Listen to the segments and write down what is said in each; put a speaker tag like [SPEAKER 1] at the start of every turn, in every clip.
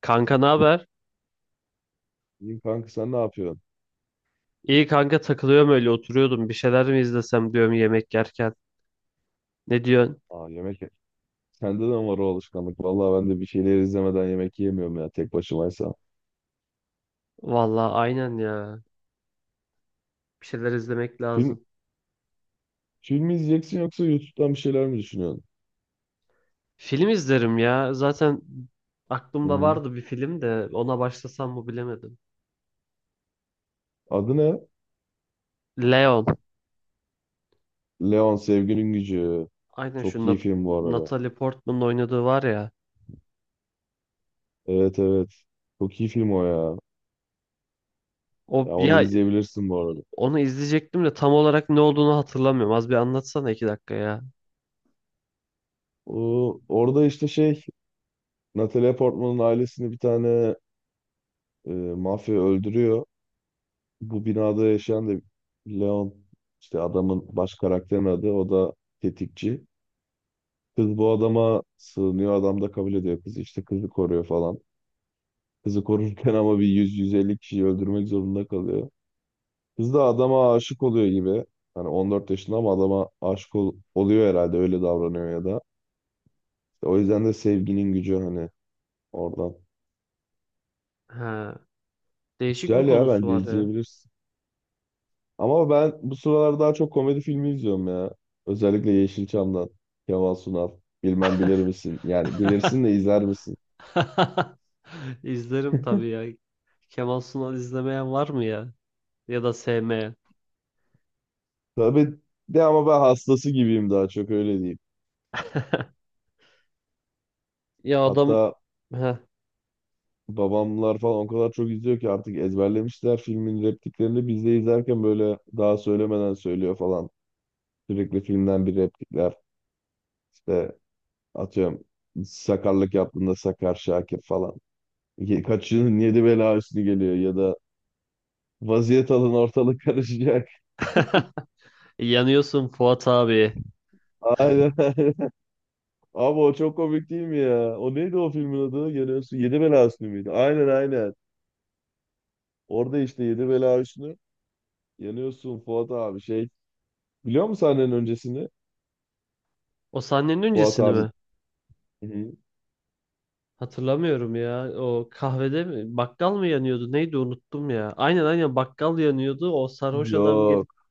[SPEAKER 1] Kanka ne haber?
[SPEAKER 2] İyiyim kanka, sen ne yapıyorsun?
[SPEAKER 1] İyi kanka takılıyorum öyle oturuyordum. Bir şeyler mi izlesem diyorum yemek yerken. Ne diyorsun?
[SPEAKER 2] Aa, yemek sende de mi var o alışkanlık? Vallahi ben de bir şeyler izlemeden yemek yemiyorum ya, tek başımaysa.
[SPEAKER 1] Vallahi aynen ya. Bir şeyler izlemek
[SPEAKER 2] Film
[SPEAKER 1] lazım.
[SPEAKER 2] film mi izleyeceksin yoksa YouTube'dan bir şeyler mi düşünüyorsun?
[SPEAKER 1] Film izlerim ya. Zaten
[SPEAKER 2] Hı
[SPEAKER 1] aklımda
[SPEAKER 2] hı.
[SPEAKER 1] vardı bir film de ona başlasam mı bilemedim.
[SPEAKER 2] Adı ne?
[SPEAKER 1] Leon.
[SPEAKER 2] Leon Sevginin Gücü.
[SPEAKER 1] Aynen şu
[SPEAKER 2] Çok iyi film bu arada.
[SPEAKER 1] Natalie Portman'ın oynadığı var ya.
[SPEAKER 2] Evet, evet. Çok iyi film o ya.
[SPEAKER 1] O
[SPEAKER 2] Ya onu
[SPEAKER 1] ya
[SPEAKER 2] izleyebilirsin bu arada.
[SPEAKER 1] onu izleyecektim de tam olarak ne olduğunu hatırlamıyorum. Az bir anlatsana iki dakika ya.
[SPEAKER 2] Orada işte şey, Natalie Portman'ın ailesini bir tane e, mafya öldürüyor. Bu binada yaşayan da Leon, işte adamın, baş karakterin adı o da tetikçi. Kız bu adama sığınıyor, adam da kabul ediyor kızı, işte kızı koruyor falan. Kızı korurken ama bir 100-150 kişiyi öldürmek zorunda kalıyor. Kız da adama aşık oluyor gibi. Hani 14 yaşında ama adama aşık oluyor herhalde, öyle davranıyor ya da. İşte o yüzden de sevginin gücü, hani oradan.
[SPEAKER 1] Ha, değişik bir
[SPEAKER 2] Güzel ya,
[SPEAKER 1] konusu
[SPEAKER 2] bence
[SPEAKER 1] var ya.
[SPEAKER 2] izleyebilirsin. Ama ben bu sıralar daha çok komedi filmi izliyorum ya. Özellikle Yeşilçam'dan. Kemal Sunal. Bilmem bilir misin? Yani bilirsin de izler misin?
[SPEAKER 1] İzlerim tabii ya. Kemal Sunal izlemeyen var mı ya? Ya da sevmeyen.
[SPEAKER 2] Tabii de ama ben hastası gibiyim, daha çok öyle diyeyim.
[SPEAKER 1] Ya adam
[SPEAKER 2] Hatta
[SPEAKER 1] Heh.
[SPEAKER 2] babamlar falan o kadar çok izliyor ki artık ezberlemişler filmin repliklerini. Biz de izlerken böyle daha söylemeden söylüyor falan. Sürekli filmden bir replikler. İşte atıyorum, sakarlık yaptığında Sakar Şakir falan. Kaçının yedi bela üstüne geliyor, ya da vaziyet alın ortalık karışacak.
[SPEAKER 1] Yanıyorsun Fuat abi.
[SPEAKER 2] Aynen, aynen. Abi o çok komik değil mi ya? O neydi o filmin adı? Yanıyorsun. Yedi Bela Hüsnü müydü? Aynen, aynen. Orada işte Yedi Bela Hüsnü. Yanıyorsun Fuat abi şey. Biliyor musun sahnenin öncesini?
[SPEAKER 1] O sahnenin
[SPEAKER 2] Fuat
[SPEAKER 1] öncesini
[SPEAKER 2] abi.
[SPEAKER 1] mi?
[SPEAKER 2] Hı, hı.
[SPEAKER 1] Hatırlamıyorum ya. O kahvede mi? Bakkal mı yanıyordu? Neydi unuttum ya. Aynen aynen bakkal yanıyordu. O sarhoş adam gelip
[SPEAKER 2] Yok.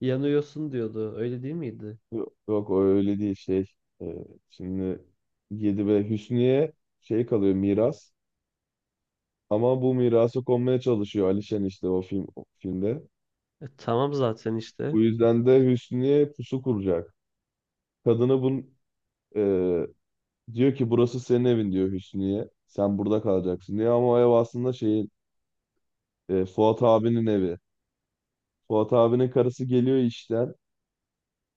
[SPEAKER 1] yanıyorsun diyordu. Öyle değil miydi?
[SPEAKER 2] Yok, o öyle değil şey. Ee, Şimdi Yedi Bela Hüsnü'ye şey kalıyor, miras. Ama bu mirası konmaya çalışıyor Alişen, işte o film o filmde.
[SPEAKER 1] Tamam zaten işte.
[SPEAKER 2] Bu yüzden de Hüsnü'ye pusu kuracak. Kadını bun, e, Diyor ki burası senin evin, diyor Hüsnü'ye. Sen burada kalacaksın diyor, ama o ev aslında şeyin, Fuat abinin evi. Fuat abinin karısı geliyor işten.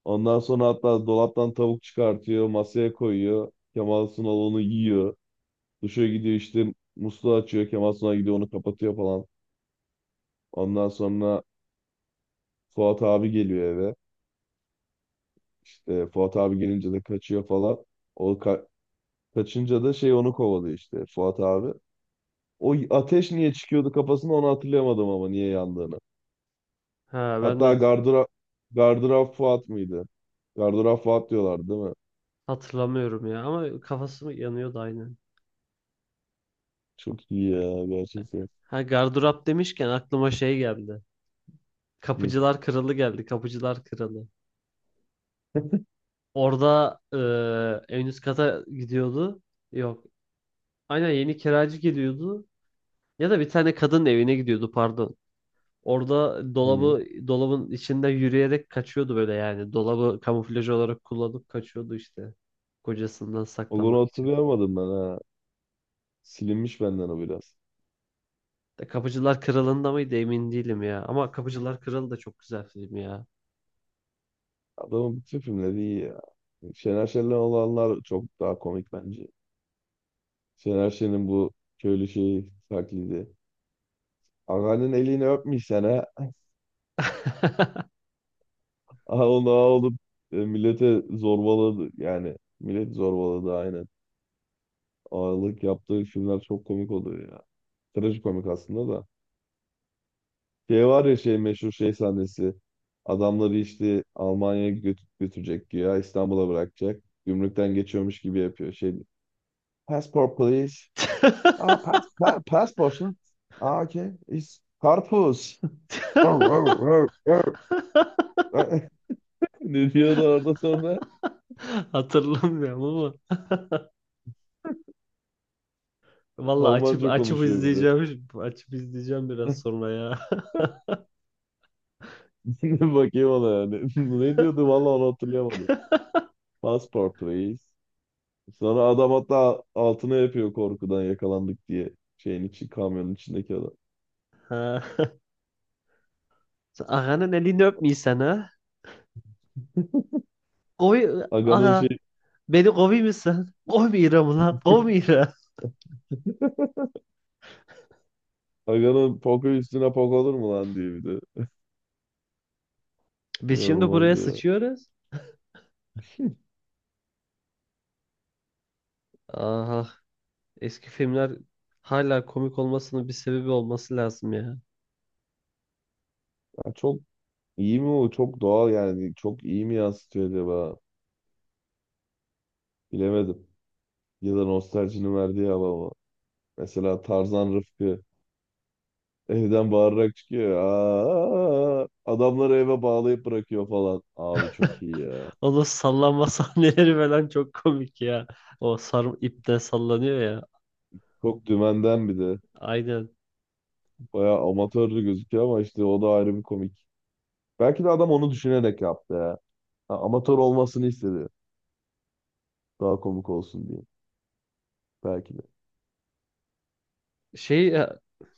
[SPEAKER 2] Ondan sonra hatta dolaptan tavuk çıkartıyor, masaya koyuyor. Kemal Sunal onu yiyor. Duşa gidiyor, işte musluğu açıyor. Kemal Sunal gidiyor onu kapatıyor falan. Ondan sonra Fuat abi geliyor eve. İşte Fuat abi gelince de kaçıyor falan. O ka- Kaçınca da şey onu kovalıyor işte Fuat abi. O ateş niye çıkıyordu kafasında, onu hatırlayamadım, ama niye yandığını.
[SPEAKER 1] Ha ben de
[SPEAKER 2] Hatta Gardırop Fuat mıydı? Gardırop Fuat diyorlar değil mi?
[SPEAKER 1] hatırlamıyorum ya. Ama kafası mı yanıyordu aynen.
[SPEAKER 2] Çok iyi ya gerçekten.
[SPEAKER 1] Ha gardırop demişken aklıma şey geldi.
[SPEAKER 2] Hı.
[SPEAKER 1] Kapıcılar Kralı geldi. Kapıcılar Kralı. Orada en üst kata gidiyordu. Yok. Aynen yeni kiracı geliyordu. Ya da bir tane kadın evine gidiyordu pardon. Orada
[SPEAKER 2] Hı.
[SPEAKER 1] dolabı dolabın içinde yürüyerek kaçıyordu böyle yani. Dolabı kamuflaj olarak kullanıp kaçıyordu işte. Kocasından
[SPEAKER 2] Onu
[SPEAKER 1] saklanmak için.
[SPEAKER 2] hatırlayamadım ben ha. Silinmiş benden o biraz.
[SPEAKER 1] De Kapıcılar Kralı'nda mıydı emin değilim ya. Ama Kapıcılar Kralı da çok güzel film ya.
[SPEAKER 2] Adamın bütün filmleri iyi ya. Şener Şen'le olanlar çok daha komik bence. Şener Şen'in bu köylü şeyi taklidi. Ağanın elini öpmüşsen ha. Aha, onu ağa olup millete zorbaladı. Yani millet zorbaladı, aynen. Ağalık yaptığı filmler çok komik oluyor ya. Trajikomik aslında da. Şey var ya, şey meşhur şey sahnesi. Adamları işte Almanya'ya götürecek ya, İstanbul'a bırakacak. Gümrükten geçiyormuş gibi yapıyor. Şey, passport please. Ah, passport lan. Ah, okay. It's karpuz. Ne diyordu orada sonra?
[SPEAKER 1] Hatırlamıyorum ama. Valla açıp
[SPEAKER 2] Almanca
[SPEAKER 1] açıp
[SPEAKER 2] konuşuyor bir de.
[SPEAKER 1] izleyeceğim. Açıp izleyeceğim biraz sonra ya.
[SPEAKER 2] Bakayım ona yani. Ne diyordu vallahi, onu hatırlayamadım. Passport please. Sonra adam hatta altına yapıyor korkudan, yakalandık diye. Şeyin içi, kamyonun içindeki adam.
[SPEAKER 1] Ha. Ağanın elini öpmeysen ha. Koy
[SPEAKER 2] Aga'nın
[SPEAKER 1] aga
[SPEAKER 2] şey,
[SPEAKER 1] beni kovuyor musun? Kovmuyorum lan kovmuyorum.
[SPEAKER 2] Aga'nın poku üstüne pok olur mu lan diye bir de.
[SPEAKER 1] Biz şimdi
[SPEAKER 2] İnanılmaz
[SPEAKER 1] buraya
[SPEAKER 2] ya.
[SPEAKER 1] sıçıyoruz. Aha eski filmler hala komik olmasının bir sebebi olması lazım ya.
[SPEAKER 2] Ya çok iyi mi o? Çok doğal yani. Çok iyi mi yansıtıyor acaba? Bilemedim. Ya da nostaljinin verdiği hava mı? Mesela Tarzan Rıfkı evden bağırarak çıkıyor. Aa, adamları eve bağlayıp bırakıyor falan. Abi çok iyi ya.
[SPEAKER 1] Onun sallanma sahneleri falan çok komik ya. O sarı ipten sallanıyor ya.
[SPEAKER 2] Çok dümenden bir de.
[SPEAKER 1] Aynen.
[SPEAKER 2] Bayağı amatörlü gözüküyor ama işte o da ayrı bir komik. Belki de adam onu düşünerek yaptı ya. Ha, amatör olmasını istedi. Daha komik olsun diye. Belki de.
[SPEAKER 1] Şey e,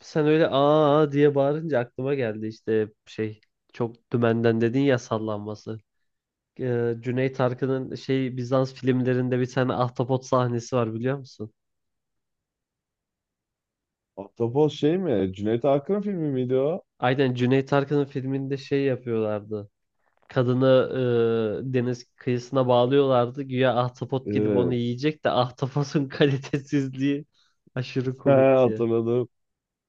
[SPEAKER 1] Sen öyle aa diye bağırınca aklıma geldi işte şey çok dümenden dedin ya sallanması. Cüneyt Arkın'ın şey Bizans filmlerinde bir tane ahtapot sahnesi var biliyor musun?
[SPEAKER 2] Ahtapot şey mi? Cüneyt Arkın filmi miydi o?
[SPEAKER 1] Aynen Cüneyt Arkın'ın filminde şey yapıyorlardı. Kadını deniz kıyısına bağlıyorlardı. Güya ahtapot gelip onu
[SPEAKER 2] Evet.
[SPEAKER 1] yiyecek de ahtapotun kalitesizliği aşırı
[SPEAKER 2] He,
[SPEAKER 1] komikti.
[SPEAKER 2] hatırladım.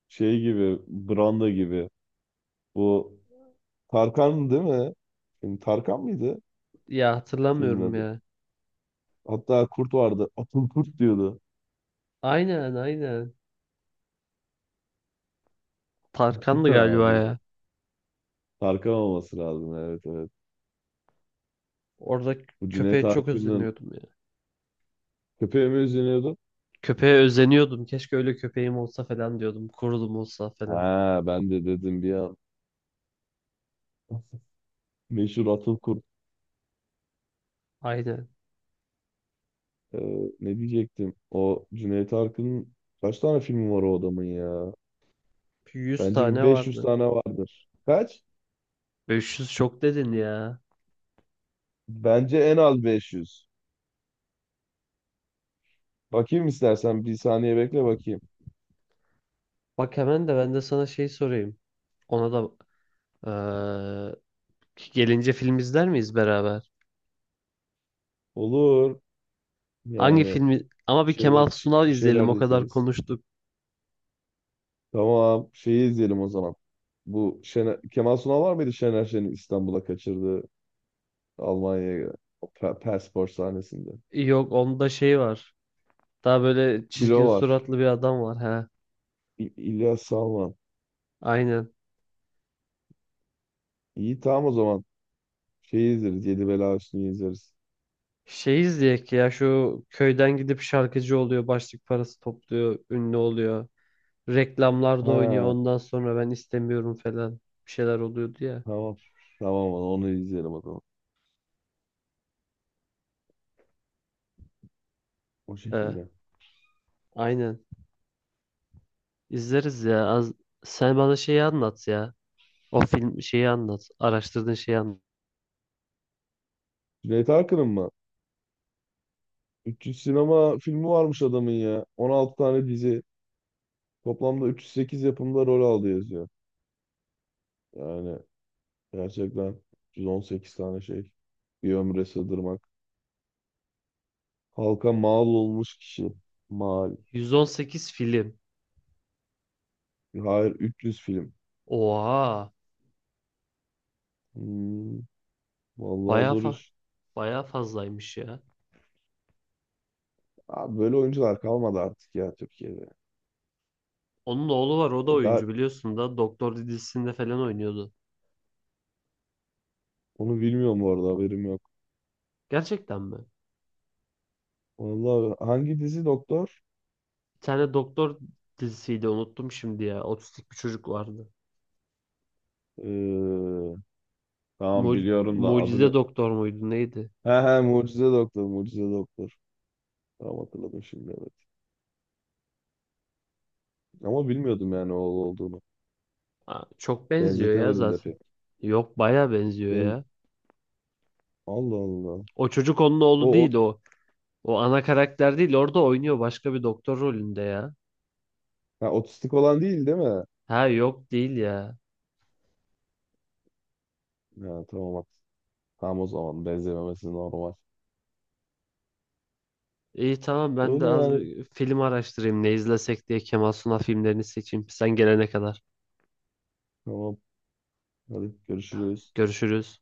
[SPEAKER 2] Şey gibi, branda gibi. Bu Tarkan değil mi? Şimdi Tarkan mıydı
[SPEAKER 1] Ya
[SPEAKER 2] filmin
[SPEAKER 1] hatırlamıyorum
[SPEAKER 2] adı?
[SPEAKER 1] ya.
[SPEAKER 2] Hatta kurt vardı. Atıl kurt diyordu.
[SPEAKER 1] Aynen aynen. Tarkan'dı galiba
[SPEAKER 2] Abi ya.
[SPEAKER 1] ya.
[SPEAKER 2] Tarkan olması lazım. Evet, evet.
[SPEAKER 1] Orada
[SPEAKER 2] Bu Cüneyt
[SPEAKER 1] köpeğe çok
[SPEAKER 2] Arkın'ın
[SPEAKER 1] özeniyordum ya.
[SPEAKER 2] köpeği mi üzülüyordu?
[SPEAKER 1] Köpeğe özeniyordum. Keşke öyle köpeğim olsa falan diyordum. Kurulum olsa falan.
[SPEAKER 2] Ha ben de dedim bir an. Meşhur Atıl Kurt.
[SPEAKER 1] Aynen.
[SPEAKER 2] Ee, Ne diyecektim? O Cüneyt Arkın'ın kaç tane filmi var o adamın ya?
[SPEAKER 1] 100
[SPEAKER 2] Bence bir
[SPEAKER 1] tane
[SPEAKER 2] 500
[SPEAKER 1] vardı.
[SPEAKER 2] tane vardır. Kaç?
[SPEAKER 1] 500 çok dedin ya.
[SPEAKER 2] Bence en az 500. Bakayım istersen, bir saniye bekle bakayım.
[SPEAKER 1] Bak hemen de ben de sana şey sorayım. Ona da eee, gelince film izler miyiz beraber?
[SPEAKER 2] Olur.
[SPEAKER 1] Hangi
[SPEAKER 2] Yani
[SPEAKER 1] filmi? Ama
[SPEAKER 2] bir
[SPEAKER 1] bir
[SPEAKER 2] şeyler,
[SPEAKER 1] Kemal Sunal
[SPEAKER 2] bir
[SPEAKER 1] izleyelim.
[SPEAKER 2] şeyler
[SPEAKER 1] O kadar
[SPEAKER 2] dikeriz.
[SPEAKER 1] konuştuk.
[SPEAKER 2] Tamam. Şeyi izleyelim o zaman. Bu Şener, Kemal Sunal var mıydı Şener Şen'in İstanbul'a kaçırdığı Almanya'ya o Perspor sahnesinde?
[SPEAKER 1] Yok onda şey var. Daha böyle çirkin
[SPEAKER 2] Bilo var.
[SPEAKER 1] suratlı bir adam var. He.
[SPEAKER 2] İlyas Salman.
[SPEAKER 1] Aynen.
[SPEAKER 2] İyi, tamam o zaman. Şeyi izleriz. Yedi Bela Hüsnü'yü izleriz.
[SPEAKER 1] Şey izleyek ya şu köyden gidip şarkıcı oluyor, başlık parası topluyor, ünlü oluyor. Reklamlarda oynuyor
[SPEAKER 2] Ha,
[SPEAKER 1] ondan sonra ben istemiyorum falan bir şeyler oluyordu ya.
[SPEAKER 2] tamam. Tamam, onu izleyelim o zaman. O
[SPEAKER 1] He,
[SPEAKER 2] şekilde.
[SPEAKER 1] aynen. İzleriz ya. Az... Sen bana şeyi anlat ya. O film şeyi anlat. Araştırdığın şeyi anlat.
[SPEAKER 2] Cüneyt Arkın'ın mı? 300 sinema filmi varmış adamın ya. 16 tane dizi. Toplamda 308 yapımda rol aldı yazıyor. Yani gerçekten 318 tane şey. Bir ömre sığdırmak. Halka mal olmuş kişi. Mal.
[SPEAKER 1] 118 film.
[SPEAKER 2] Hayır, 300 film.
[SPEAKER 1] Oha.
[SPEAKER 2] Hmm, vallahi
[SPEAKER 1] Bayağı
[SPEAKER 2] zor
[SPEAKER 1] fa
[SPEAKER 2] iş.
[SPEAKER 1] bayağı fazlaymış ya.
[SPEAKER 2] Abi böyle oyuncular kalmadı artık ya Türkiye'de.
[SPEAKER 1] Onun oğlu var o da
[SPEAKER 2] Ya daha
[SPEAKER 1] oyuncu biliyorsun da Doktor dizisinde falan oynuyordu.
[SPEAKER 2] onu bilmiyorum bu arada, haberim yok.
[SPEAKER 1] Gerçekten mi?
[SPEAKER 2] Vallahi hangi dizi doktor?
[SPEAKER 1] Bir tane doktor dizisiydi unuttum şimdi ya. Otistik bir çocuk vardı.
[SPEAKER 2] Ee,
[SPEAKER 1] Mu
[SPEAKER 2] tamam biliyorum da
[SPEAKER 1] Mucize
[SPEAKER 2] adını.
[SPEAKER 1] Doktor muydu neydi?
[SPEAKER 2] He he, Mucize Doktor, Mucize Doktor. Tamam, hatırladım şimdi, evet. Ama bilmiyordum yani o olduğunu.
[SPEAKER 1] Aa, çok benziyor ya
[SPEAKER 2] Benzetemedim de
[SPEAKER 1] zaten.
[SPEAKER 2] pek.
[SPEAKER 1] Yok baya benziyor
[SPEAKER 2] Ben...
[SPEAKER 1] ya.
[SPEAKER 2] Allah Allah.
[SPEAKER 1] O çocuk onun
[SPEAKER 2] O,
[SPEAKER 1] oğlu değil
[SPEAKER 2] o...
[SPEAKER 1] o. O ana karakter değil orada oynuyor başka bir doktor rolünde ya.
[SPEAKER 2] Ha, otistik olan değil değil mi?
[SPEAKER 1] Ha yok değil ya.
[SPEAKER 2] Ha, tamam. Tamam o zaman, benzememesi normal.
[SPEAKER 1] İyi tamam ben de
[SPEAKER 2] Öyle
[SPEAKER 1] az
[SPEAKER 2] yani.
[SPEAKER 1] bir film araştırayım ne izlesek diye Kemal Sunal filmlerini seçeyim. Sen gelene kadar.
[SPEAKER 2] Tamam. Hadi görüşürüz.
[SPEAKER 1] Görüşürüz.